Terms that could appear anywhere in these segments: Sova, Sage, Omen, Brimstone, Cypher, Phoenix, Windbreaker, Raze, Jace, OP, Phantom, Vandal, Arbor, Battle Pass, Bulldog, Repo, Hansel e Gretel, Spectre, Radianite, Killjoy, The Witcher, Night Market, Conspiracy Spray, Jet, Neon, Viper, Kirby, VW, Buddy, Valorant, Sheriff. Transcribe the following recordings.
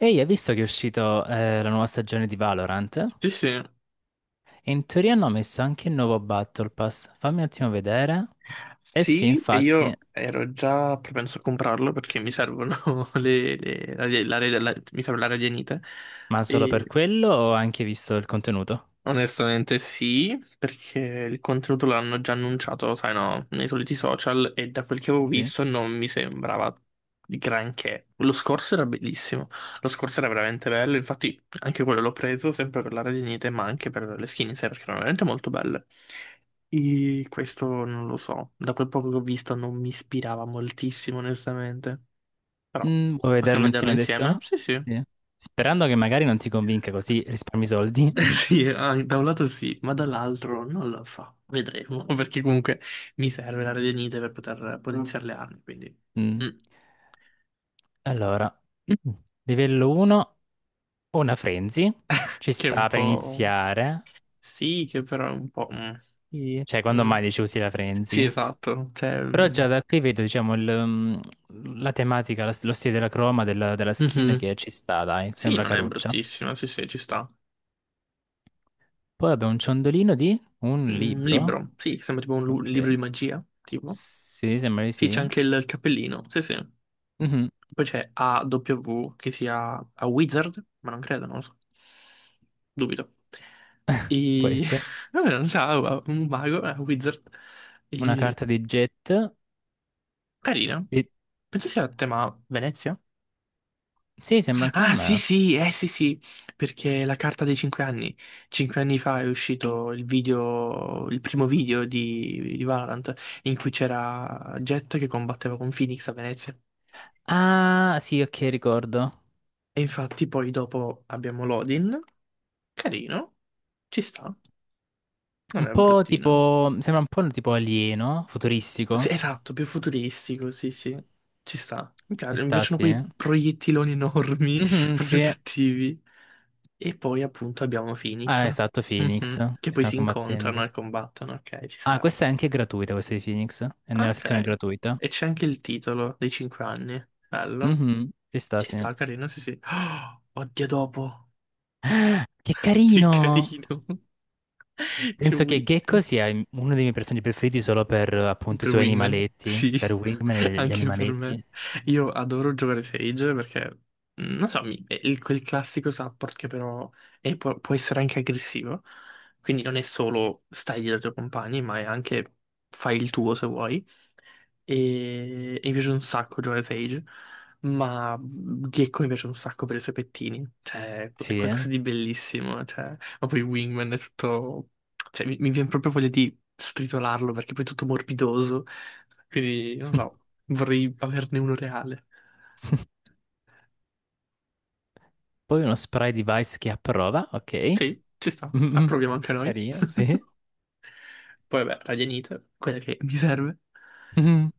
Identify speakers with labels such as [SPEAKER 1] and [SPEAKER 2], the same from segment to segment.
[SPEAKER 1] Ehi, hai visto che è uscito la nuova stagione di Valorant?
[SPEAKER 2] Sì, sì.
[SPEAKER 1] E in teoria hanno messo anche il nuovo Battle Pass. Fammi un attimo vedere. Eh sì,
[SPEAKER 2] Sì, e
[SPEAKER 1] infatti,
[SPEAKER 2] io ero già propenso a comprarlo perché mi servono le, le- mi serve la radianite.
[SPEAKER 1] ma solo per quello ho anche visto il contenuto.
[SPEAKER 2] Onestamente sì, perché il contenuto l'hanno già annunciato, sai no, nei soliti social e da quel che avevo
[SPEAKER 1] Sì.
[SPEAKER 2] visto non mi sembrava di granché. Lo scorso era bellissimo, lo scorso era veramente bello, infatti anche quello l'ho preso sempre per l'area di Nite, ma anche per le skin in sé, perché erano veramente molto belle. E questo non lo so, da quel poco che ho visto non mi ispirava moltissimo, onestamente. Però
[SPEAKER 1] Vuoi vederlo
[SPEAKER 2] possiamo vederlo
[SPEAKER 1] insieme
[SPEAKER 2] insieme?
[SPEAKER 1] adesso?
[SPEAKER 2] Sì, sì.
[SPEAKER 1] Sì. Sperando che magari non ti convinca così risparmi soldi.
[SPEAKER 2] Sì, ah, da un lato sì, ma dall'altro non lo so, vedremo, perché comunque mi serve la radionite per poter potenziare le armi, quindi...
[SPEAKER 1] Mm.
[SPEAKER 2] mm.
[SPEAKER 1] Allora, livello 1, una frenzy. Ci
[SPEAKER 2] Che è un
[SPEAKER 1] sta per
[SPEAKER 2] po'...
[SPEAKER 1] iniziare.
[SPEAKER 2] Sì, che però è un po'...
[SPEAKER 1] Sì. Cioè, quando
[SPEAKER 2] mm.
[SPEAKER 1] mai dici usi la
[SPEAKER 2] Sì,
[SPEAKER 1] frenzy?
[SPEAKER 2] esatto, cioè...
[SPEAKER 1] Però già da qui vedo, diciamo, mm, la tematica, lo stile della croma, della skin
[SPEAKER 2] mhm.
[SPEAKER 1] che ci sta, dai,
[SPEAKER 2] Sì,
[SPEAKER 1] sembra
[SPEAKER 2] non è
[SPEAKER 1] caruccia.
[SPEAKER 2] bruttissima, sì, sì, ci sta.
[SPEAKER 1] Poi abbiamo un ciondolino di un
[SPEAKER 2] Mm, un
[SPEAKER 1] libro.
[SPEAKER 2] libro, sì, sembra tipo un libro di
[SPEAKER 1] Ok.
[SPEAKER 2] magia, tipo.
[SPEAKER 1] Sì, sembra di
[SPEAKER 2] Sì, c'è
[SPEAKER 1] sì.
[SPEAKER 2] anche il cappellino, sì, sì.
[SPEAKER 1] Mhm,
[SPEAKER 2] Poi c'è AW che sia a Wizard, ma non credo, non lo so. Dubito.
[SPEAKER 1] può
[SPEAKER 2] E...
[SPEAKER 1] essere.
[SPEAKER 2] Vabbè, non so, un mago, a Wizard.
[SPEAKER 1] Una
[SPEAKER 2] E...
[SPEAKER 1] carta di jet.
[SPEAKER 2] Carina.
[SPEAKER 1] E-
[SPEAKER 2] Penso sia a tema Venezia.
[SPEAKER 1] Sì, sembra anche a
[SPEAKER 2] Ah, sì,
[SPEAKER 1] me.
[SPEAKER 2] sì, sì, sì, perché la carta dei cinque anni. Cinque anni fa è uscito il video, il primo video di Valorant, in cui c'era Jet che combatteva con Phoenix a Venezia.
[SPEAKER 1] Ah, sì, ok, ricordo.
[SPEAKER 2] E infatti poi dopo abbiamo Lodin. Carino, ci sta, non
[SPEAKER 1] Un
[SPEAKER 2] è
[SPEAKER 1] po'
[SPEAKER 2] bruttino.
[SPEAKER 1] tipo, sembra un po' tipo alieno,
[SPEAKER 2] Sì,
[SPEAKER 1] futuristico.
[SPEAKER 2] esatto, più futuristico, sì, sì, ci sta.
[SPEAKER 1] Ci
[SPEAKER 2] Mi
[SPEAKER 1] sta,
[SPEAKER 2] piacciono
[SPEAKER 1] sì.
[SPEAKER 2] quei proiettiloni enormi,
[SPEAKER 1] Mhm,
[SPEAKER 2] proprio
[SPEAKER 1] sì.
[SPEAKER 2] cattivi. E poi appunto abbiamo
[SPEAKER 1] Ah,
[SPEAKER 2] Phoenix,
[SPEAKER 1] esatto,
[SPEAKER 2] mhm,
[SPEAKER 1] Phoenix,
[SPEAKER 2] che
[SPEAKER 1] che
[SPEAKER 2] poi
[SPEAKER 1] stanno
[SPEAKER 2] si incontrano
[SPEAKER 1] combattendo.
[SPEAKER 2] e combattono, ok, ci
[SPEAKER 1] Ah,
[SPEAKER 2] sta.
[SPEAKER 1] questa è anche gratuita, questa di Phoenix. È nella sezione
[SPEAKER 2] Ok,
[SPEAKER 1] gratuita.
[SPEAKER 2] e c'è anche il titolo dei 5 anni, bello.
[SPEAKER 1] Mhm, ci sta,
[SPEAKER 2] Ci
[SPEAKER 1] sì.
[SPEAKER 2] sta, carino, sì, sì. Oh, oddio, dopo,
[SPEAKER 1] Ah, che
[SPEAKER 2] che
[SPEAKER 1] carino!
[SPEAKER 2] carino. C'è
[SPEAKER 1] Penso che
[SPEAKER 2] Will.
[SPEAKER 1] Gecko sia uno dei miei personaggi preferiti solo per appunto i
[SPEAKER 2] Per
[SPEAKER 1] suoi
[SPEAKER 2] Wingman,
[SPEAKER 1] animaletti,
[SPEAKER 2] sì,
[SPEAKER 1] per Wingman e gli
[SPEAKER 2] anche per me.
[SPEAKER 1] animaletti.
[SPEAKER 2] Io adoro giocare Sage perché, non so, è quel classico support che però può, può essere anche aggressivo. Quindi non è solo stai dietro ai tuoi compagni, ma è anche fai il tuo se vuoi e mi piace un sacco Joe Sage, ma Gecko mi piace un sacco per i suoi pettini, cioè è
[SPEAKER 1] Sì, eh.
[SPEAKER 2] qualcosa di bellissimo, cioè, ma poi Wingman è tutto, cioè mi viene proprio voglia di stritolarlo perché poi è tutto morbidoso, quindi non so, vorrei averne uno reale.
[SPEAKER 1] Poi uno spray device che approva, ok.
[SPEAKER 2] Sì, ci sta,
[SPEAKER 1] Mhm,
[SPEAKER 2] approviamo anche noi.
[SPEAKER 1] carino, sì.
[SPEAKER 2] Poi vabbè, Radianite, quella che mi serve.
[SPEAKER 1] Mhm.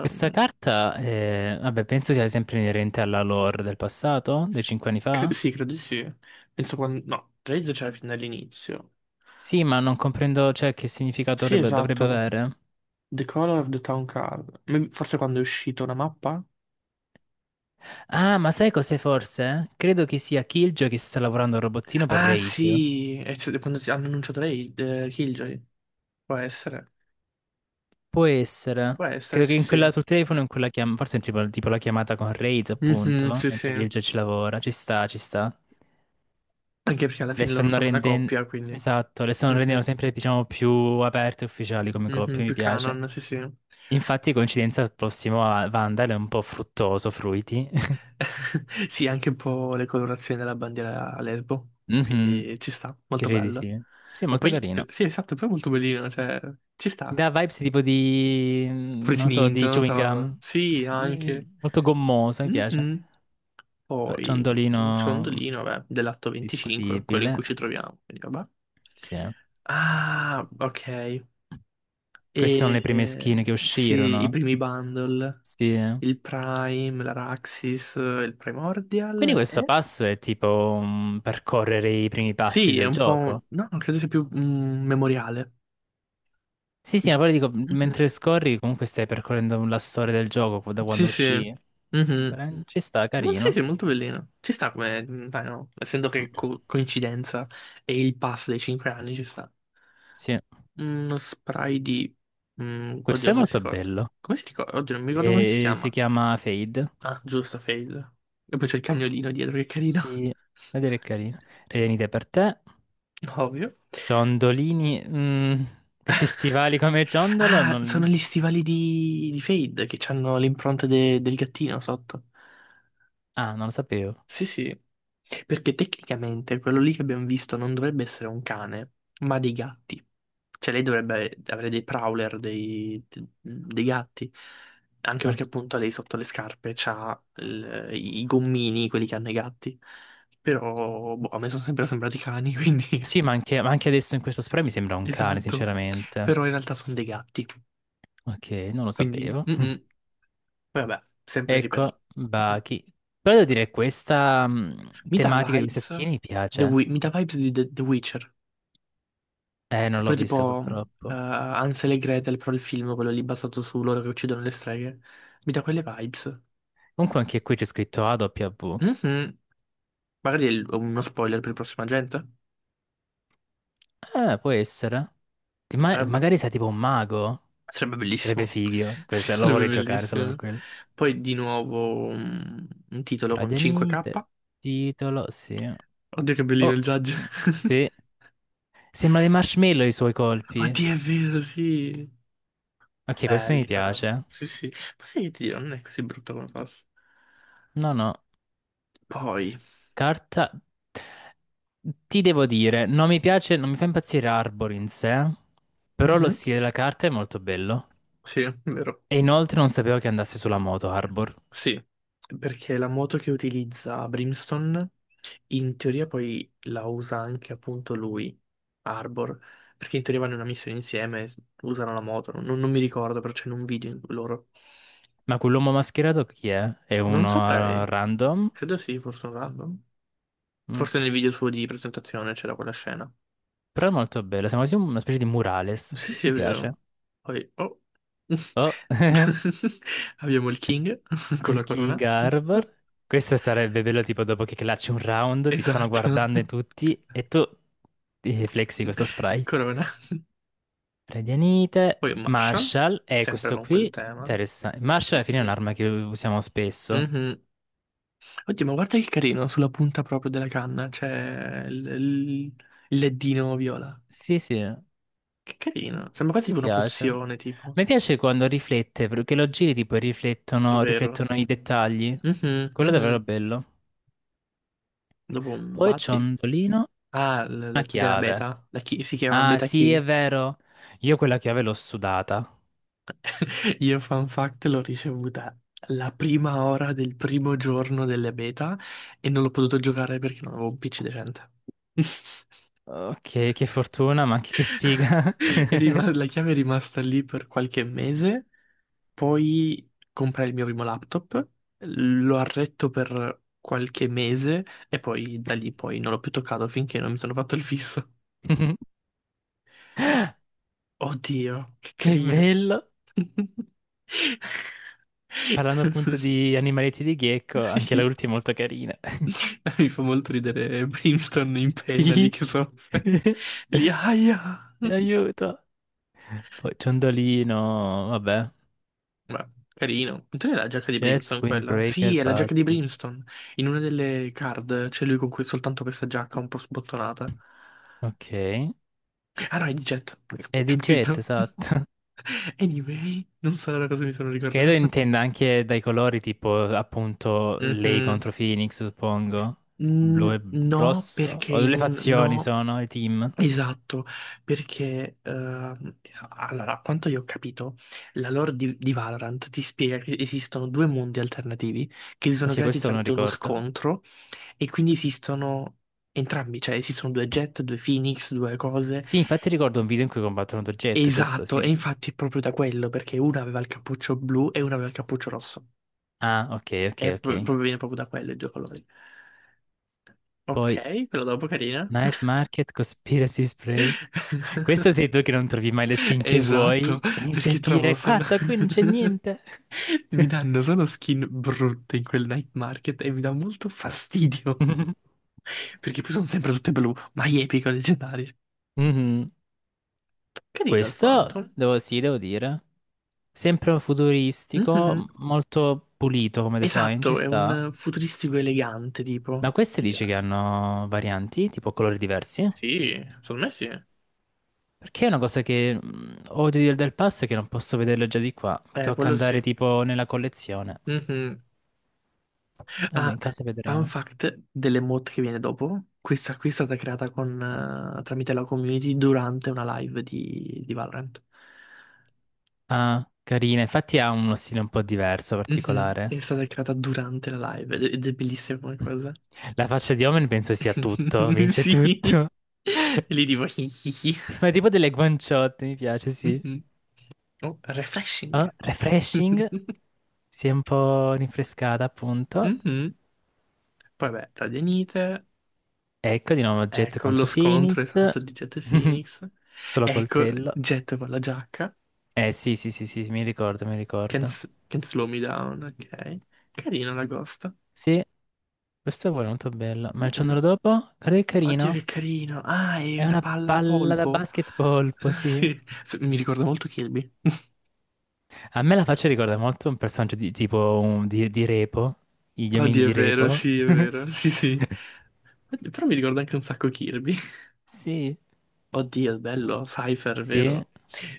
[SPEAKER 1] Questa carta, vabbè, penso sia sempre inerente alla lore del passato, dei cinque anni fa.
[SPEAKER 2] sì, credo di sì. Penso quando... No, Raze c'era fin dall'inizio.
[SPEAKER 1] Sì, ma non comprendo, cioè, che significato
[SPEAKER 2] Sì,
[SPEAKER 1] dovrebbe,
[SPEAKER 2] esatto.
[SPEAKER 1] avere.
[SPEAKER 2] The Color of the Town Card. Forse quando è uscita una mappa?
[SPEAKER 1] Ah, ma sai cos'è forse? Credo che sia Killjoy che sta lavorando al robottino per
[SPEAKER 2] Ah
[SPEAKER 1] Raze.
[SPEAKER 2] sì, è stato quando hanno annunciato lei, Killjoy. Può essere.
[SPEAKER 1] Può essere.
[SPEAKER 2] Può essere,
[SPEAKER 1] Credo che
[SPEAKER 2] sì
[SPEAKER 1] in quella,
[SPEAKER 2] sì.
[SPEAKER 1] sul telefono, in quella forse è tipo la chiamata con Raze,
[SPEAKER 2] Mhm,
[SPEAKER 1] appunto,
[SPEAKER 2] sì sì.
[SPEAKER 1] mentre
[SPEAKER 2] Anche
[SPEAKER 1] Killjoy ci lavora. Ci sta, ci sta.
[SPEAKER 2] perché alla
[SPEAKER 1] Le
[SPEAKER 2] fine loro
[SPEAKER 1] stanno
[SPEAKER 2] sono una
[SPEAKER 1] rendendo...
[SPEAKER 2] coppia, quindi...
[SPEAKER 1] Esatto, le stanno rendendo
[SPEAKER 2] Mhm,
[SPEAKER 1] sempre, diciamo, più aperte e ufficiali come
[SPEAKER 2] mhm,
[SPEAKER 1] coppia, mi
[SPEAKER 2] più canon,
[SPEAKER 1] piace.
[SPEAKER 2] sì sì.
[SPEAKER 1] Infatti, coincidenza, il prossimo a Vandal è un po' fruttoso, fruiti.
[SPEAKER 2] Sì, anche un po' le colorazioni della bandiera a lesbo.
[SPEAKER 1] Mhm,
[SPEAKER 2] Quindi ci sta, molto
[SPEAKER 1] direi di
[SPEAKER 2] bello.
[SPEAKER 1] sì. Sì, è
[SPEAKER 2] Ma
[SPEAKER 1] molto
[SPEAKER 2] poi,
[SPEAKER 1] carino.
[SPEAKER 2] sì, esatto, poi è molto bellino, cioè, ci
[SPEAKER 1] Mi
[SPEAKER 2] sta.
[SPEAKER 1] dà vibes tipo di,
[SPEAKER 2] Fruity
[SPEAKER 1] non so,
[SPEAKER 2] Ninja,
[SPEAKER 1] di
[SPEAKER 2] non
[SPEAKER 1] chewing
[SPEAKER 2] so.
[SPEAKER 1] gum.
[SPEAKER 2] Sì, anche.
[SPEAKER 1] Molto gommoso, mi piace.
[SPEAKER 2] Mhm.
[SPEAKER 1] Vabbè,
[SPEAKER 2] Poi un
[SPEAKER 1] ciondolino
[SPEAKER 2] ciondolino, vabbè, dell'atto 25, quello in
[SPEAKER 1] discutibile.
[SPEAKER 2] cui ci troviamo. Quindi, vabbè.
[SPEAKER 1] Sì, eh.
[SPEAKER 2] Ah, ok. E
[SPEAKER 1] Queste sono le prime skin che
[SPEAKER 2] sì, i
[SPEAKER 1] uscirono.
[SPEAKER 2] primi bundle,
[SPEAKER 1] Sì, eh.
[SPEAKER 2] il Prime, l'Araxis, il
[SPEAKER 1] Quindi
[SPEAKER 2] Primordial
[SPEAKER 1] questo
[SPEAKER 2] e...
[SPEAKER 1] passo è tipo percorrere i primi passi
[SPEAKER 2] Sì, è
[SPEAKER 1] del
[SPEAKER 2] un po'...
[SPEAKER 1] gioco.
[SPEAKER 2] no, non credo sia più un memoriale.
[SPEAKER 1] Sì, sì, ma
[SPEAKER 2] Ti-
[SPEAKER 1] poi dico,
[SPEAKER 2] Mhm.
[SPEAKER 1] mentre scorri comunque stai percorrendo la storia del gioco da
[SPEAKER 2] Sì,
[SPEAKER 1] quando
[SPEAKER 2] sì.
[SPEAKER 1] uscì.
[SPEAKER 2] Mhm.
[SPEAKER 1] Ci sta,
[SPEAKER 2] Ma sì,
[SPEAKER 1] carino.
[SPEAKER 2] sì, è molto bellino. Ci sta come... Dai, no? Essendo che coincidenza e il pass dei 5 anni ci sta.
[SPEAKER 1] Sì.
[SPEAKER 2] Uno spray di...
[SPEAKER 1] Questo
[SPEAKER 2] oddio,
[SPEAKER 1] è
[SPEAKER 2] come si
[SPEAKER 1] molto
[SPEAKER 2] ricorda?
[SPEAKER 1] bello.
[SPEAKER 2] Come si ricorda? Oddio, non mi ricordo come si
[SPEAKER 1] E si
[SPEAKER 2] chiama.
[SPEAKER 1] chiama Fade.
[SPEAKER 2] Ah, giusto, Fade. E poi c'è il cagnolino dietro, che carino.
[SPEAKER 1] Sì, vedere è carino. Renite per te.
[SPEAKER 2] Ovvio.
[SPEAKER 1] Ciondolini. Questi stivali come ciondolo?
[SPEAKER 2] Ah, sono gli stivali di Fade che hanno l'impronta del gattino sotto.
[SPEAKER 1] Ah, non lo sapevo.
[SPEAKER 2] Sì, sì, perché tecnicamente quello lì che abbiamo visto non dovrebbe essere un cane, ma dei gatti. Cioè lei dovrebbe avere dei prowler, dei gatti, anche
[SPEAKER 1] Ah.
[SPEAKER 2] perché appunto lei sotto le scarpe c'ha i gommini, quelli che hanno i gatti. Però, boh, a me sono sempre sembrati cani, quindi...
[SPEAKER 1] Sì, ma anche, ma anche adesso in questo spray mi sembra un cane,
[SPEAKER 2] Esatto.
[SPEAKER 1] sinceramente.
[SPEAKER 2] Però in realtà sono dei gatti,
[SPEAKER 1] Ok, non lo
[SPEAKER 2] quindi...
[SPEAKER 1] sapevo.
[SPEAKER 2] mm,
[SPEAKER 1] Mm.
[SPEAKER 2] mm. Vabbè, sempre ripeto.
[SPEAKER 1] Ecco,
[SPEAKER 2] Mm, mm.
[SPEAKER 1] Baki. Però devo dire, questa
[SPEAKER 2] Mi dà
[SPEAKER 1] tematica di queste
[SPEAKER 2] vibes...
[SPEAKER 1] skin mi piace.
[SPEAKER 2] Mi dà vibes di The Witcher.
[SPEAKER 1] Non l'ho
[SPEAKER 2] Oppure
[SPEAKER 1] vista
[SPEAKER 2] tipo
[SPEAKER 1] purtroppo.
[SPEAKER 2] Hansel e Gretel, però il film, quello lì basato su loro che uccidono le streghe. Mi dà quelle vibes.
[SPEAKER 1] Comunque anche qui c'è scritto AW.
[SPEAKER 2] Mhm. Magari è uno spoiler per il prossimo agente?
[SPEAKER 1] Può essere. Ti
[SPEAKER 2] Potrebbe.
[SPEAKER 1] magari sei tipo un mago?
[SPEAKER 2] Sarebbe
[SPEAKER 1] Sarebbe
[SPEAKER 2] bellissimo.
[SPEAKER 1] figo,
[SPEAKER 2] Sì,
[SPEAKER 1] questo lo
[SPEAKER 2] sarebbe
[SPEAKER 1] vorrei giocare solo per
[SPEAKER 2] bellissimo.
[SPEAKER 1] quello.
[SPEAKER 2] Poi di nuovo un titolo con 5K.
[SPEAKER 1] Radianite, titolo, sì.
[SPEAKER 2] Oddio che bellino il
[SPEAKER 1] Oh,
[SPEAKER 2] judge.
[SPEAKER 1] sì. Sembra dei marshmallow i suoi colpi.
[SPEAKER 2] Oddio è vero, sì.
[SPEAKER 1] Ok, questo mi
[SPEAKER 2] Belli però.
[SPEAKER 1] piace.
[SPEAKER 2] Sì, sì. Ma sai che ti dirò, non è così brutto come passa.
[SPEAKER 1] No, no.
[SPEAKER 2] Poi.
[SPEAKER 1] Carta... Ti devo dire, non mi piace, non mi fa impazzire Arbor in sé, però lo
[SPEAKER 2] Mhm.
[SPEAKER 1] stile della carta è molto bello.
[SPEAKER 2] Sì, è vero.
[SPEAKER 1] E inoltre non sapevo che andasse sulla moto Arbor.
[SPEAKER 2] Sì, perché la moto che utilizza Brimstone in teoria poi la usa anche appunto lui, Arbor, perché in teoria vanno in una missione insieme, usano la moto, non mi ricordo, però c'è in un video loro.
[SPEAKER 1] Ma quell'uomo mascherato chi è? È
[SPEAKER 2] Non
[SPEAKER 1] uno
[SPEAKER 2] saprei,
[SPEAKER 1] random?
[SPEAKER 2] credo sì, forse un random.
[SPEAKER 1] Mm.
[SPEAKER 2] Forse nel video suo di presentazione c'era quella scena.
[SPEAKER 1] Però è molto bello, sembra quasi una specie di murales.
[SPEAKER 2] Sì, sì, è
[SPEAKER 1] Mi
[SPEAKER 2] vero.
[SPEAKER 1] piace.
[SPEAKER 2] Poi, oh.
[SPEAKER 1] Oh,
[SPEAKER 2] Abbiamo il King con
[SPEAKER 1] il
[SPEAKER 2] la
[SPEAKER 1] King
[SPEAKER 2] corona.
[SPEAKER 1] Armor. Questo sarebbe bello tipo dopo che clasci un round, ti stanno
[SPEAKER 2] Esatto.
[SPEAKER 1] guardando in tutti e tu ti flexi questo spray.
[SPEAKER 2] Corona.
[SPEAKER 1] Radianite,
[SPEAKER 2] Poi un Marshall,
[SPEAKER 1] Marshall e
[SPEAKER 2] sempre
[SPEAKER 1] questo
[SPEAKER 2] con quel
[SPEAKER 1] qui,
[SPEAKER 2] tema.
[SPEAKER 1] interessante. Marshall alla fine è
[SPEAKER 2] Mm.
[SPEAKER 1] un'arma che usiamo spesso.
[SPEAKER 2] Mhm. Oddio, ma guarda che carino, sulla punta proprio della canna c'è il leddino viola.
[SPEAKER 1] Sì, sì,
[SPEAKER 2] Che carino, sembra quasi
[SPEAKER 1] mi
[SPEAKER 2] tipo una
[SPEAKER 1] piace.
[SPEAKER 2] pozione, tipo.
[SPEAKER 1] Mi piace quando riflette, perché lo giri tipo e
[SPEAKER 2] È
[SPEAKER 1] riflettono,
[SPEAKER 2] vero.
[SPEAKER 1] riflettono i dettagli.
[SPEAKER 2] Mhm,
[SPEAKER 1] Quello è davvero
[SPEAKER 2] mhm.
[SPEAKER 1] bello.
[SPEAKER 2] Dopo un
[SPEAKER 1] Poi
[SPEAKER 2] batti.
[SPEAKER 1] ciondolino,
[SPEAKER 2] Ah, la
[SPEAKER 1] una
[SPEAKER 2] key della
[SPEAKER 1] chiave.
[SPEAKER 2] beta. La key si chiama
[SPEAKER 1] Ah,
[SPEAKER 2] beta
[SPEAKER 1] sì,
[SPEAKER 2] key.
[SPEAKER 1] è vero. Io quella chiave l'ho sudata.
[SPEAKER 2] Io, fun fact, l'ho ricevuta la prima ora del primo giorno delle beta e non l'ho potuto giocare perché non avevo un PC decente.
[SPEAKER 1] Ok, che fortuna, ma anche che sfiga.
[SPEAKER 2] È la chiave è rimasta lì per qualche mese, poi comprai il mio primo laptop, lo arretto per qualche mese e poi da lì poi non l'ho più toccato finché non mi sono fatto il fisso.
[SPEAKER 1] Mhm.
[SPEAKER 2] Oddio, che
[SPEAKER 1] Che
[SPEAKER 2] carino.
[SPEAKER 1] bello. Parlando appunto di animaletti di Gecko, anche la
[SPEAKER 2] Sì,
[SPEAKER 1] ultima è molto carina.
[SPEAKER 2] mi fa molto ridere Brimstone in pena lì
[SPEAKER 1] Sì.
[SPEAKER 2] che soffre. Lì, aia.
[SPEAKER 1] Aiuto. Poi ciondolino, vabbè.
[SPEAKER 2] Beh, carino. Non era la giacca di
[SPEAKER 1] Jets,
[SPEAKER 2] Brimstone quella?
[SPEAKER 1] Windbreaker,
[SPEAKER 2] Sì, è la giacca di
[SPEAKER 1] Buddy.
[SPEAKER 2] Brimstone. In una delle card c'è lui con soltanto questa giacca un po' sbottonata.
[SPEAKER 1] Ok. E
[SPEAKER 2] Ah no, è di Jet.
[SPEAKER 1] di
[SPEAKER 2] C'è
[SPEAKER 1] Jet,
[SPEAKER 2] scritto.
[SPEAKER 1] esatto.
[SPEAKER 2] Anyway, non so da cosa mi sono
[SPEAKER 1] Credo
[SPEAKER 2] ricordato.
[SPEAKER 1] intenda anche dai colori, tipo appunto lei
[SPEAKER 2] Mhm.
[SPEAKER 1] contro Phoenix, suppongo.
[SPEAKER 2] Mm,
[SPEAKER 1] Blu e
[SPEAKER 2] no,
[SPEAKER 1] rosso.
[SPEAKER 2] perché
[SPEAKER 1] O
[SPEAKER 2] in
[SPEAKER 1] le
[SPEAKER 2] un...
[SPEAKER 1] fazioni
[SPEAKER 2] No,
[SPEAKER 1] sono, i team.
[SPEAKER 2] esatto, perché... allora, a quanto io ho capito, la lore di Valorant ti spiega che esistono due mondi alternativi che si sono
[SPEAKER 1] Ok,
[SPEAKER 2] creati
[SPEAKER 1] questo non
[SPEAKER 2] tramite uno
[SPEAKER 1] ricordo.
[SPEAKER 2] scontro. E quindi esistono entrambi, cioè esistono due Jet, due Phoenix, due cose.
[SPEAKER 1] Sì, infatti ricordo un video in cui combattono due jet, giusto?
[SPEAKER 2] Esatto, e
[SPEAKER 1] Sì.
[SPEAKER 2] infatti è proprio da quello, perché una aveva il cappuccio blu e una aveva il cappuccio rosso.
[SPEAKER 1] Ah, ok, ok,
[SPEAKER 2] E
[SPEAKER 1] ok.
[SPEAKER 2] proprio, viene proprio da quello i due colori.
[SPEAKER 1] Poi
[SPEAKER 2] Ok, però dopo carina.
[SPEAKER 1] Night Market, Conspiracy Spray. Questo sei tu che non trovi mai le skin che
[SPEAKER 2] Esatto,
[SPEAKER 1] vuoi e inizi a
[SPEAKER 2] perché trovo
[SPEAKER 1] dire,
[SPEAKER 2] solo...
[SPEAKER 1] guarda, qui non c'è niente.
[SPEAKER 2] mi danno solo skin brutte in quel night market e mi dà molto fastidio. Perché poi sono sempre tutte blu, ma epico, leggendarie.
[SPEAKER 1] Mhm.
[SPEAKER 2] Carino il
[SPEAKER 1] Questo
[SPEAKER 2] Phantom.
[SPEAKER 1] devo, sì, devo dire. Sempre futuristico,
[SPEAKER 2] Mhm.
[SPEAKER 1] molto pulito come design, ci
[SPEAKER 2] Esatto, è
[SPEAKER 1] sta.
[SPEAKER 2] un futuristico elegante,
[SPEAKER 1] Ma
[SPEAKER 2] tipo.
[SPEAKER 1] queste
[SPEAKER 2] Mi
[SPEAKER 1] dici che
[SPEAKER 2] piace.
[SPEAKER 1] hanno varianti, tipo colori diversi?
[SPEAKER 2] Sì, secondo me sì.
[SPEAKER 1] Perché è una cosa che odio del pass è che non posso vederlo già di qua. Mi tocca
[SPEAKER 2] Quello
[SPEAKER 1] andare
[SPEAKER 2] sì.
[SPEAKER 1] tipo nella collezione.
[SPEAKER 2] Mhm.
[SPEAKER 1] Vabbè,
[SPEAKER 2] Ah,
[SPEAKER 1] in caso
[SPEAKER 2] fun
[SPEAKER 1] vedremo.
[SPEAKER 2] fact dell'emote che viene dopo. Questa qui è stata creata con, tramite la community durante una live di Valorant.
[SPEAKER 1] Ah, carina. Infatti ha uno stile un po' diverso,
[SPEAKER 2] Mhm. È
[SPEAKER 1] particolare.
[SPEAKER 2] stata creata durante la live ed è bellissima come cosa.
[SPEAKER 1] La faccia di Omen penso sia tutto, vince
[SPEAKER 2] Sì.
[SPEAKER 1] tutto.
[SPEAKER 2] E lì tipo...
[SPEAKER 1] Sì, ma tipo delle guanciotte, mi piace, sì.
[SPEAKER 2] Mhm. Oh,
[SPEAKER 1] Ah,
[SPEAKER 2] refreshing.
[SPEAKER 1] refreshing, si è un po' rinfrescata appunto.
[SPEAKER 2] Mhm. Poi vabbè, tadianite.
[SPEAKER 1] Ecco di nuovo oggetto
[SPEAKER 2] Ecco lo
[SPEAKER 1] contro
[SPEAKER 2] scontro
[SPEAKER 1] Phoenix.
[SPEAKER 2] esatto di Jet e Phoenix.
[SPEAKER 1] Solo
[SPEAKER 2] Ecco
[SPEAKER 1] coltello.
[SPEAKER 2] Jet con la giacca.
[SPEAKER 1] Eh sì, sì, sì, sì, sì, mi ricordo, mi
[SPEAKER 2] Can't,
[SPEAKER 1] ricordo.
[SPEAKER 2] can't slow me down, ok. Carino l'agosto.
[SPEAKER 1] Sì, questo è pure molto bello. Ma il ciondolo
[SPEAKER 2] Mm-mm.
[SPEAKER 1] dopo? Guarda che
[SPEAKER 2] Oddio
[SPEAKER 1] carino.
[SPEAKER 2] che carino. Ah, è
[SPEAKER 1] È
[SPEAKER 2] una
[SPEAKER 1] una
[SPEAKER 2] palla a
[SPEAKER 1] palla da
[SPEAKER 2] polpo.
[SPEAKER 1] basketball, sì.
[SPEAKER 2] Sì, mi ricorda molto Kirby.
[SPEAKER 1] A me la faccia ricorda molto un personaggio di tipo di, Repo, gli omini
[SPEAKER 2] Oddio,
[SPEAKER 1] di Repo.
[SPEAKER 2] è vero. Sì, sì. Oddio, però mi ricorda anche un sacco Kirby.
[SPEAKER 1] Sì,
[SPEAKER 2] Oddio, bello, Cypher,
[SPEAKER 1] sì.
[SPEAKER 2] vero?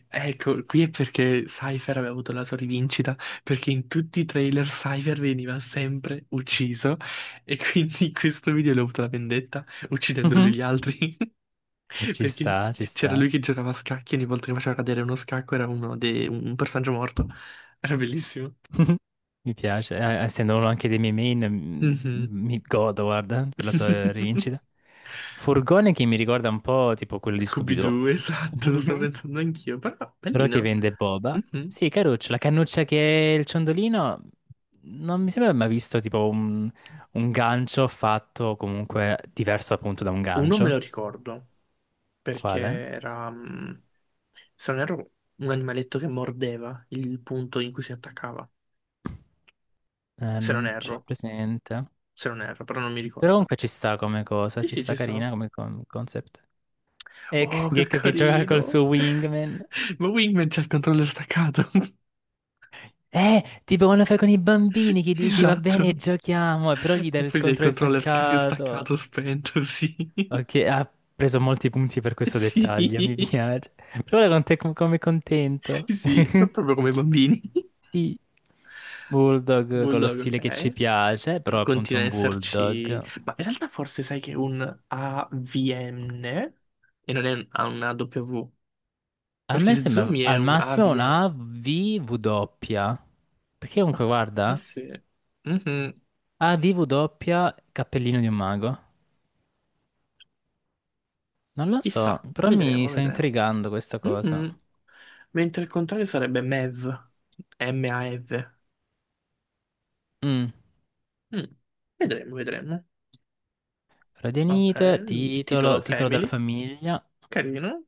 [SPEAKER 2] Ecco, qui è perché Cypher aveva avuto la sua rivincita, perché in tutti i trailer Cypher veniva sempre ucciso e quindi in questo video lui ha avuto la vendetta uccidendo
[SPEAKER 1] Mhm.
[SPEAKER 2] lui gli altri,
[SPEAKER 1] Ci
[SPEAKER 2] perché
[SPEAKER 1] sta, ci
[SPEAKER 2] c'era
[SPEAKER 1] sta.
[SPEAKER 2] lui che giocava a scacchi e ogni volta che faceva cadere uno scacco era uno un personaggio morto. Era bellissimo.
[SPEAKER 1] Mi piace, essendo uno anche dei miei main,
[SPEAKER 2] Mhm.
[SPEAKER 1] mi godo, guarda, per la sua rivincita. Furgone che mi ricorda un po' tipo quello di Scooby-Doo,
[SPEAKER 2] Scooby-Doo, esatto, lo sto pensando anch'io, però
[SPEAKER 1] però che
[SPEAKER 2] bellino.
[SPEAKER 1] vende boba.
[SPEAKER 2] Mhm.
[SPEAKER 1] Sì, caruccio, la cannuccia che è il ciondolino, non mi sembra mai visto tipo un gancio fatto comunque diverso appunto da un
[SPEAKER 2] Uno me lo
[SPEAKER 1] gancio.
[SPEAKER 2] ricordo. Perché
[SPEAKER 1] Quale?
[SPEAKER 2] era, se non erro, un animaletto che mordeva il punto in cui si attaccava. Se non
[SPEAKER 1] Non ce
[SPEAKER 2] erro,
[SPEAKER 1] l'ho presente.
[SPEAKER 2] però non mi
[SPEAKER 1] Però
[SPEAKER 2] ricordo.
[SPEAKER 1] comunque ci sta come cosa,
[SPEAKER 2] Sì,
[SPEAKER 1] ci
[SPEAKER 2] sì,
[SPEAKER 1] sta
[SPEAKER 2] ci sta.
[SPEAKER 1] carina come concept. Ecco,
[SPEAKER 2] Oh, che
[SPEAKER 1] Gecko che gioca col
[SPEAKER 2] carino!
[SPEAKER 1] suo wingman.
[SPEAKER 2] Ma Wingman c'ha il controller staccato.
[SPEAKER 1] Tipo quando fai con i bambini che dici va bene,
[SPEAKER 2] Esatto.
[SPEAKER 1] giochiamo, e però gli
[SPEAKER 2] E
[SPEAKER 1] dai il
[SPEAKER 2] poi del
[SPEAKER 1] controllo
[SPEAKER 2] controller
[SPEAKER 1] staccato.
[SPEAKER 2] staccato, spento, sì.
[SPEAKER 1] Ok, ha preso molti punti per questo dettaglio, mi
[SPEAKER 2] Sì,
[SPEAKER 1] piace. Però ora con te come contento.
[SPEAKER 2] sì, è proprio come i bambini.
[SPEAKER 1] Sì, Bulldog con lo
[SPEAKER 2] Bulldog,
[SPEAKER 1] stile che ci
[SPEAKER 2] ok.
[SPEAKER 1] piace, però appunto è
[SPEAKER 2] Continua ad
[SPEAKER 1] un
[SPEAKER 2] esserci,
[SPEAKER 1] Bulldog.
[SPEAKER 2] ma in realtà forse sai che è un AVN e non è ha una W,
[SPEAKER 1] A
[SPEAKER 2] perché
[SPEAKER 1] me
[SPEAKER 2] se
[SPEAKER 1] sembra
[SPEAKER 2] zoomi è
[SPEAKER 1] al
[SPEAKER 2] un
[SPEAKER 1] massimo
[SPEAKER 2] AVN.
[SPEAKER 1] una VW. Perché
[SPEAKER 2] Ah,
[SPEAKER 1] comunque
[SPEAKER 2] eh
[SPEAKER 1] guarda.
[SPEAKER 2] sì, mhm.
[SPEAKER 1] Ah, DV doppia, cappellino di un mago. Non lo so,
[SPEAKER 2] Chissà,
[SPEAKER 1] però mi
[SPEAKER 2] vedremo,
[SPEAKER 1] sta
[SPEAKER 2] vedremo.
[SPEAKER 1] intrigando questa cosa.
[SPEAKER 2] Mhm. Mentre il contrario sarebbe MEV, M-A-V.
[SPEAKER 1] Mm.
[SPEAKER 2] Mm. Vedremo, vedremo. Ok,
[SPEAKER 1] Radianite,
[SPEAKER 2] il titolo
[SPEAKER 1] titolo, titolo della
[SPEAKER 2] Family,
[SPEAKER 1] famiglia,
[SPEAKER 2] carino.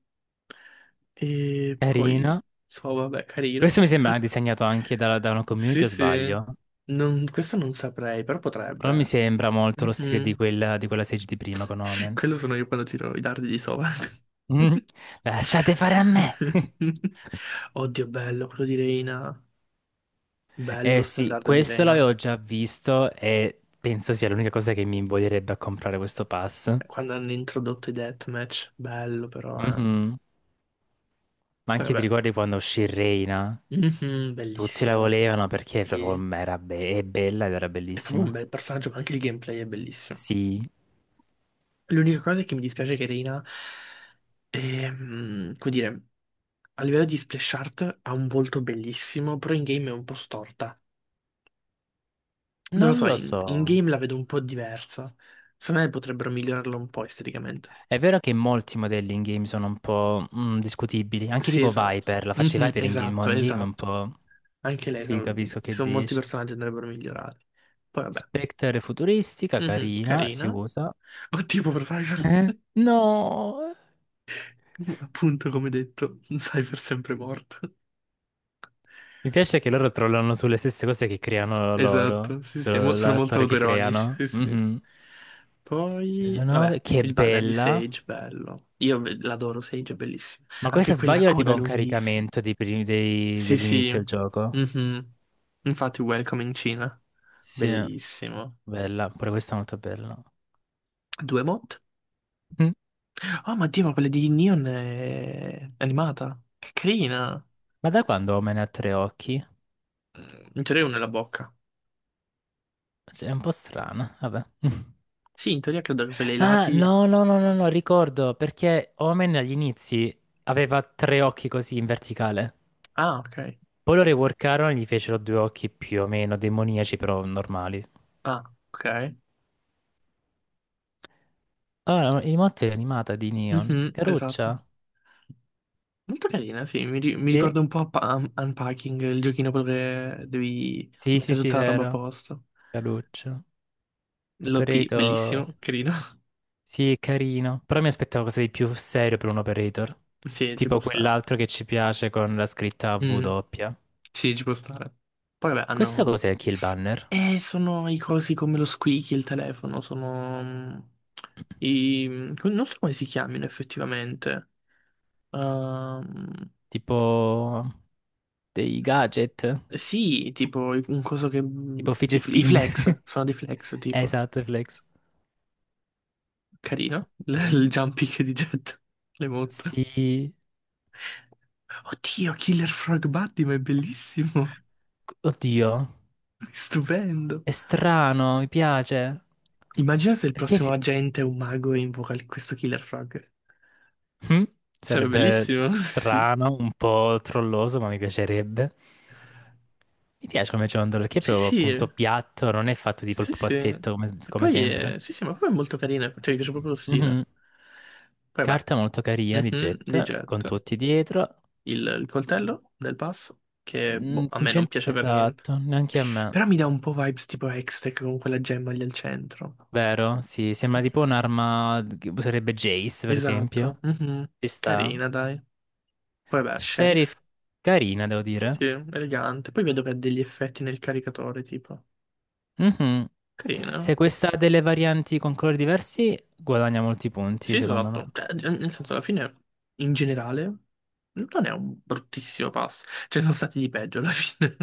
[SPEAKER 2] E
[SPEAKER 1] carina.
[SPEAKER 2] poi, so, vabbè, carino,
[SPEAKER 1] Questo
[SPEAKER 2] ci
[SPEAKER 1] mi
[SPEAKER 2] sta.
[SPEAKER 1] sembra disegnato anche da, una
[SPEAKER 2] Sì,
[SPEAKER 1] community o
[SPEAKER 2] sì.
[SPEAKER 1] sbaglio?
[SPEAKER 2] Questo non saprei, però
[SPEAKER 1] Però mi
[SPEAKER 2] potrebbe.
[SPEAKER 1] sembra molto lo stile di
[SPEAKER 2] Mhm.
[SPEAKER 1] quella, di quella Sage di prima con Omen.
[SPEAKER 2] Quello sono io quando tiro i dardi di sova.
[SPEAKER 1] Mm. Lasciate fare a me!
[SPEAKER 2] Oddio, bello quello di Reina. Bello
[SPEAKER 1] Eh sì,
[SPEAKER 2] standard di
[SPEAKER 1] questo l'avevo
[SPEAKER 2] Reina.
[SPEAKER 1] già visto e penso sia l'unica cosa che mi invoglierebbe a comprare questo pass.
[SPEAKER 2] Quando hanno introdotto i deathmatch, bello però. Eh.
[SPEAKER 1] Mhm. Ma
[SPEAKER 2] Poi
[SPEAKER 1] anche ti
[SPEAKER 2] vabbè.
[SPEAKER 1] ricordi quando uscì Reina?
[SPEAKER 2] Mhm,
[SPEAKER 1] Tutti la
[SPEAKER 2] bellissimo.
[SPEAKER 1] volevano perché
[SPEAKER 2] Sì.
[SPEAKER 1] proprio era è bella ed era
[SPEAKER 2] È proprio un
[SPEAKER 1] bellissima.
[SPEAKER 2] bel personaggio, ma anche il gameplay è bellissimo.
[SPEAKER 1] Sì,
[SPEAKER 2] L'unica cosa è che mi dispiace che Reina e, come dire, a livello di splash art ha un volto bellissimo, però in game è un po' storta. Non lo
[SPEAKER 1] non
[SPEAKER 2] so,
[SPEAKER 1] lo
[SPEAKER 2] in
[SPEAKER 1] so.
[SPEAKER 2] game la vedo un po' diversa. Secondo me potrebbero migliorarla un po' esteticamente.
[SPEAKER 1] È vero che molti modelli in game sono un po' discutibili, anche
[SPEAKER 2] Sì,
[SPEAKER 1] tipo
[SPEAKER 2] esatto.
[SPEAKER 1] Viper, la faccia di
[SPEAKER 2] Mhm,
[SPEAKER 1] Viper in game, mo
[SPEAKER 2] esatto,
[SPEAKER 1] in game è un
[SPEAKER 2] esatto.
[SPEAKER 1] po'...
[SPEAKER 2] Anche lei,
[SPEAKER 1] Sì,
[SPEAKER 2] ci
[SPEAKER 1] capisco che
[SPEAKER 2] sono molti
[SPEAKER 1] dici.
[SPEAKER 2] personaggi che andrebbero migliorati. Poi vabbè,
[SPEAKER 1] Spectre è futuristica,
[SPEAKER 2] mhm,
[SPEAKER 1] carina, si
[SPEAKER 2] carina.
[SPEAKER 1] usa.
[SPEAKER 2] O tipo per Cyber,
[SPEAKER 1] Eh? No!
[SPEAKER 2] appunto come detto, Cyber sempre morto.
[SPEAKER 1] Mi piace che loro trollano sulle stesse cose che creano loro,
[SPEAKER 2] Esatto, sì, sì, sono
[SPEAKER 1] sulla
[SPEAKER 2] molto
[SPEAKER 1] storia che
[SPEAKER 2] autoironici,
[SPEAKER 1] creano.
[SPEAKER 2] sì, sì.
[SPEAKER 1] Mhm. La
[SPEAKER 2] Poi,
[SPEAKER 1] 9,
[SPEAKER 2] vabbè,
[SPEAKER 1] che
[SPEAKER 2] il banner di
[SPEAKER 1] bella.
[SPEAKER 2] Sage, bello. Io l'adoro, Sage è bellissimo.
[SPEAKER 1] Ma questa
[SPEAKER 2] Anche quella
[SPEAKER 1] sbaglio era
[SPEAKER 2] coda
[SPEAKER 1] tipo un
[SPEAKER 2] lunghissima.
[SPEAKER 1] caricamento dei
[SPEAKER 2] Sì, sì.
[SPEAKER 1] dell'inizio del gioco.
[SPEAKER 2] Mhm. Infatti, Welcome in Cina.
[SPEAKER 1] Sì,
[SPEAKER 2] Bellissimo.
[SPEAKER 1] bella, pure questa è molto bella.
[SPEAKER 2] Due mod?
[SPEAKER 1] Mm.
[SPEAKER 2] Oh, ma Dio, ma quella di Neon è animata. Che carina.
[SPEAKER 1] Ma da quando Omen ha tre occhi?
[SPEAKER 2] Mm, in teoria una nella bocca.
[SPEAKER 1] Cioè, è un po' strana, vabbè.
[SPEAKER 2] Sì, in teoria credo che per i
[SPEAKER 1] Ah,
[SPEAKER 2] lati...
[SPEAKER 1] no, no, no, no, no, ricordo, perché Omen agli inizi aveva tre occhi così in verticale.
[SPEAKER 2] Ah, ok.
[SPEAKER 1] Poi lo reworkarono e gli fecero due occhi più o meno demoniaci, però normali.
[SPEAKER 2] Ah, ok.
[SPEAKER 1] Allora, il motto è animata di Neon.
[SPEAKER 2] Mhm, esatto.
[SPEAKER 1] Caruccia?
[SPEAKER 2] Molto carina, sì, mi
[SPEAKER 1] Sì,
[SPEAKER 2] ricorda un po' Unpacking, il giochino quello che devi
[SPEAKER 1] sì, sì,
[SPEAKER 2] mettere
[SPEAKER 1] sì,
[SPEAKER 2] tutta la roba a
[SPEAKER 1] vero.
[SPEAKER 2] posto.
[SPEAKER 1] Caruccio.
[SPEAKER 2] L'OP,
[SPEAKER 1] Operator.
[SPEAKER 2] bellissimo, carino.
[SPEAKER 1] Sì, è carino. Però mi aspettavo cosa di più serio per un operator.
[SPEAKER 2] Sì, ci può
[SPEAKER 1] Tipo
[SPEAKER 2] stare.
[SPEAKER 1] quell'altro che ci piace con la scritta W
[SPEAKER 2] Mm,
[SPEAKER 1] doppia.
[SPEAKER 2] sì, ci può stare. Poi vabbè,
[SPEAKER 1] Questo
[SPEAKER 2] hanno...
[SPEAKER 1] cos'è anche il banner?
[SPEAKER 2] Sono i cosi come lo squeaky, il telefono, sono... I... non so come si chiamino effettivamente. Ehm,
[SPEAKER 1] Tipo dei gadget?
[SPEAKER 2] Sì, tipo un coso che...
[SPEAKER 1] Tipo
[SPEAKER 2] I,
[SPEAKER 1] fidget
[SPEAKER 2] i
[SPEAKER 1] spin?
[SPEAKER 2] flex, sono dei flex, tipo.
[SPEAKER 1] Esatto, flex.
[SPEAKER 2] Carino.
[SPEAKER 1] Eh?
[SPEAKER 2] Il jumping di Jet. Le monta.
[SPEAKER 1] Sì.
[SPEAKER 2] Oddio, Killer Frog Buddy, ma è bellissimo.
[SPEAKER 1] Oddio.
[SPEAKER 2] Stupendo.
[SPEAKER 1] È strano, mi piace.
[SPEAKER 2] Immagina se il
[SPEAKER 1] Perché
[SPEAKER 2] prossimo
[SPEAKER 1] si-
[SPEAKER 2] agente è un mago e invoca questo Killer Frog.
[SPEAKER 1] Mm?
[SPEAKER 2] Sarebbe
[SPEAKER 1] Sarebbe
[SPEAKER 2] bellissimo, sì, sì.
[SPEAKER 1] strano, un po' trolloso, ma mi piacerebbe. Mi piace come ciondolo, perché è
[SPEAKER 2] Sì,
[SPEAKER 1] proprio
[SPEAKER 2] sì,
[SPEAKER 1] appunto piatto, non è fatto tipo il
[SPEAKER 2] sì, sì.
[SPEAKER 1] pupazzetto come,
[SPEAKER 2] E
[SPEAKER 1] come
[SPEAKER 2] poi,
[SPEAKER 1] sempre.
[SPEAKER 2] sì, sì, ma poi è molto carino, cioè mi piace proprio lo stile.
[SPEAKER 1] Mhm.
[SPEAKER 2] Poi, beh,
[SPEAKER 1] Carta molto carina di
[SPEAKER 2] mhm, di
[SPEAKER 1] Jet, con
[SPEAKER 2] Jet.
[SPEAKER 1] tutti dietro.
[SPEAKER 2] Il coltello del pass, che
[SPEAKER 1] Mm,
[SPEAKER 2] boh, a me non
[SPEAKER 1] sinceramente,
[SPEAKER 2] piace per niente.
[SPEAKER 1] esatto, neanche a me.
[SPEAKER 2] Però mi dà un po' vibes tipo Hextech con quella gemma lì al centro.
[SPEAKER 1] Vero? Sì, sembra tipo un'arma che userebbe Jace, per esempio.
[SPEAKER 2] Esatto. Mhm.
[SPEAKER 1] Ci sta.
[SPEAKER 2] Carina, dai. Poi vabbè,
[SPEAKER 1] Sheriff,
[SPEAKER 2] Sheriff.
[SPEAKER 1] carina, devo
[SPEAKER 2] Sì,
[SPEAKER 1] dire.
[SPEAKER 2] sì, elegante. Poi vedo che ha degli effetti nel caricatore, tipo.
[SPEAKER 1] Mhm.
[SPEAKER 2] Carina.
[SPEAKER 1] Se questa ha delle varianti con colori diversi, guadagna molti
[SPEAKER 2] Sì,
[SPEAKER 1] punti, secondo me.
[SPEAKER 2] esatto. Cioè, nel senso, alla fine, in generale, non è un bruttissimo pass. Ce ne sono stati di peggio alla fine.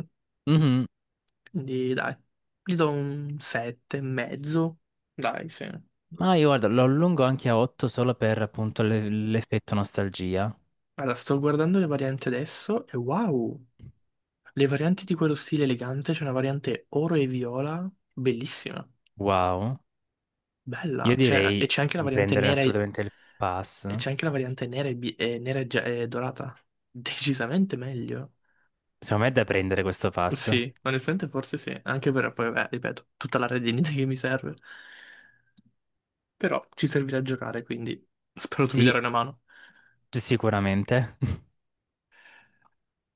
[SPEAKER 1] Mhm.
[SPEAKER 2] Quindi, dai, gli do un 7 e mezzo. Dai, sì.
[SPEAKER 1] Ma io guarda, lo allungo anche a 8 solo per appunto l'effetto nostalgia.
[SPEAKER 2] Allora, sto guardando le varianti adesso e wow, le varianti di quello stile elegante, c'è una variante oro e viola, bellissima,
[SPEAKER 1] Wow.
[SPEAKER 2] bella,
[SPEAKER 1] Io
[SPEAKER 2] cioè,
[SPEAKER 1] direi
[SPEAKER 2] e c'è anche la
[SPEAKER 1] di
[SPEAKER 2] variante
[SPEAKER 1] prendere
[SPEAKER 2] nera e,
[SPEAKER 1] assolutamente il pass.
[SPEAKER 2] e nera e e dorata, decisamente meglio.
[SPEAKER 1] Secondo me è da prendere questo pass.
[SPEAKER 2] Sì, onestamente forse sì, anche per poi, vabbè, ripeto, tutta la redinita che mi serve, però ci servirà a giocare, quindi spero tu mi darai
[SPEAKER 1] Sì,
[SPEAKER 2] una mano.
[SPEAKER 1] sicuramente.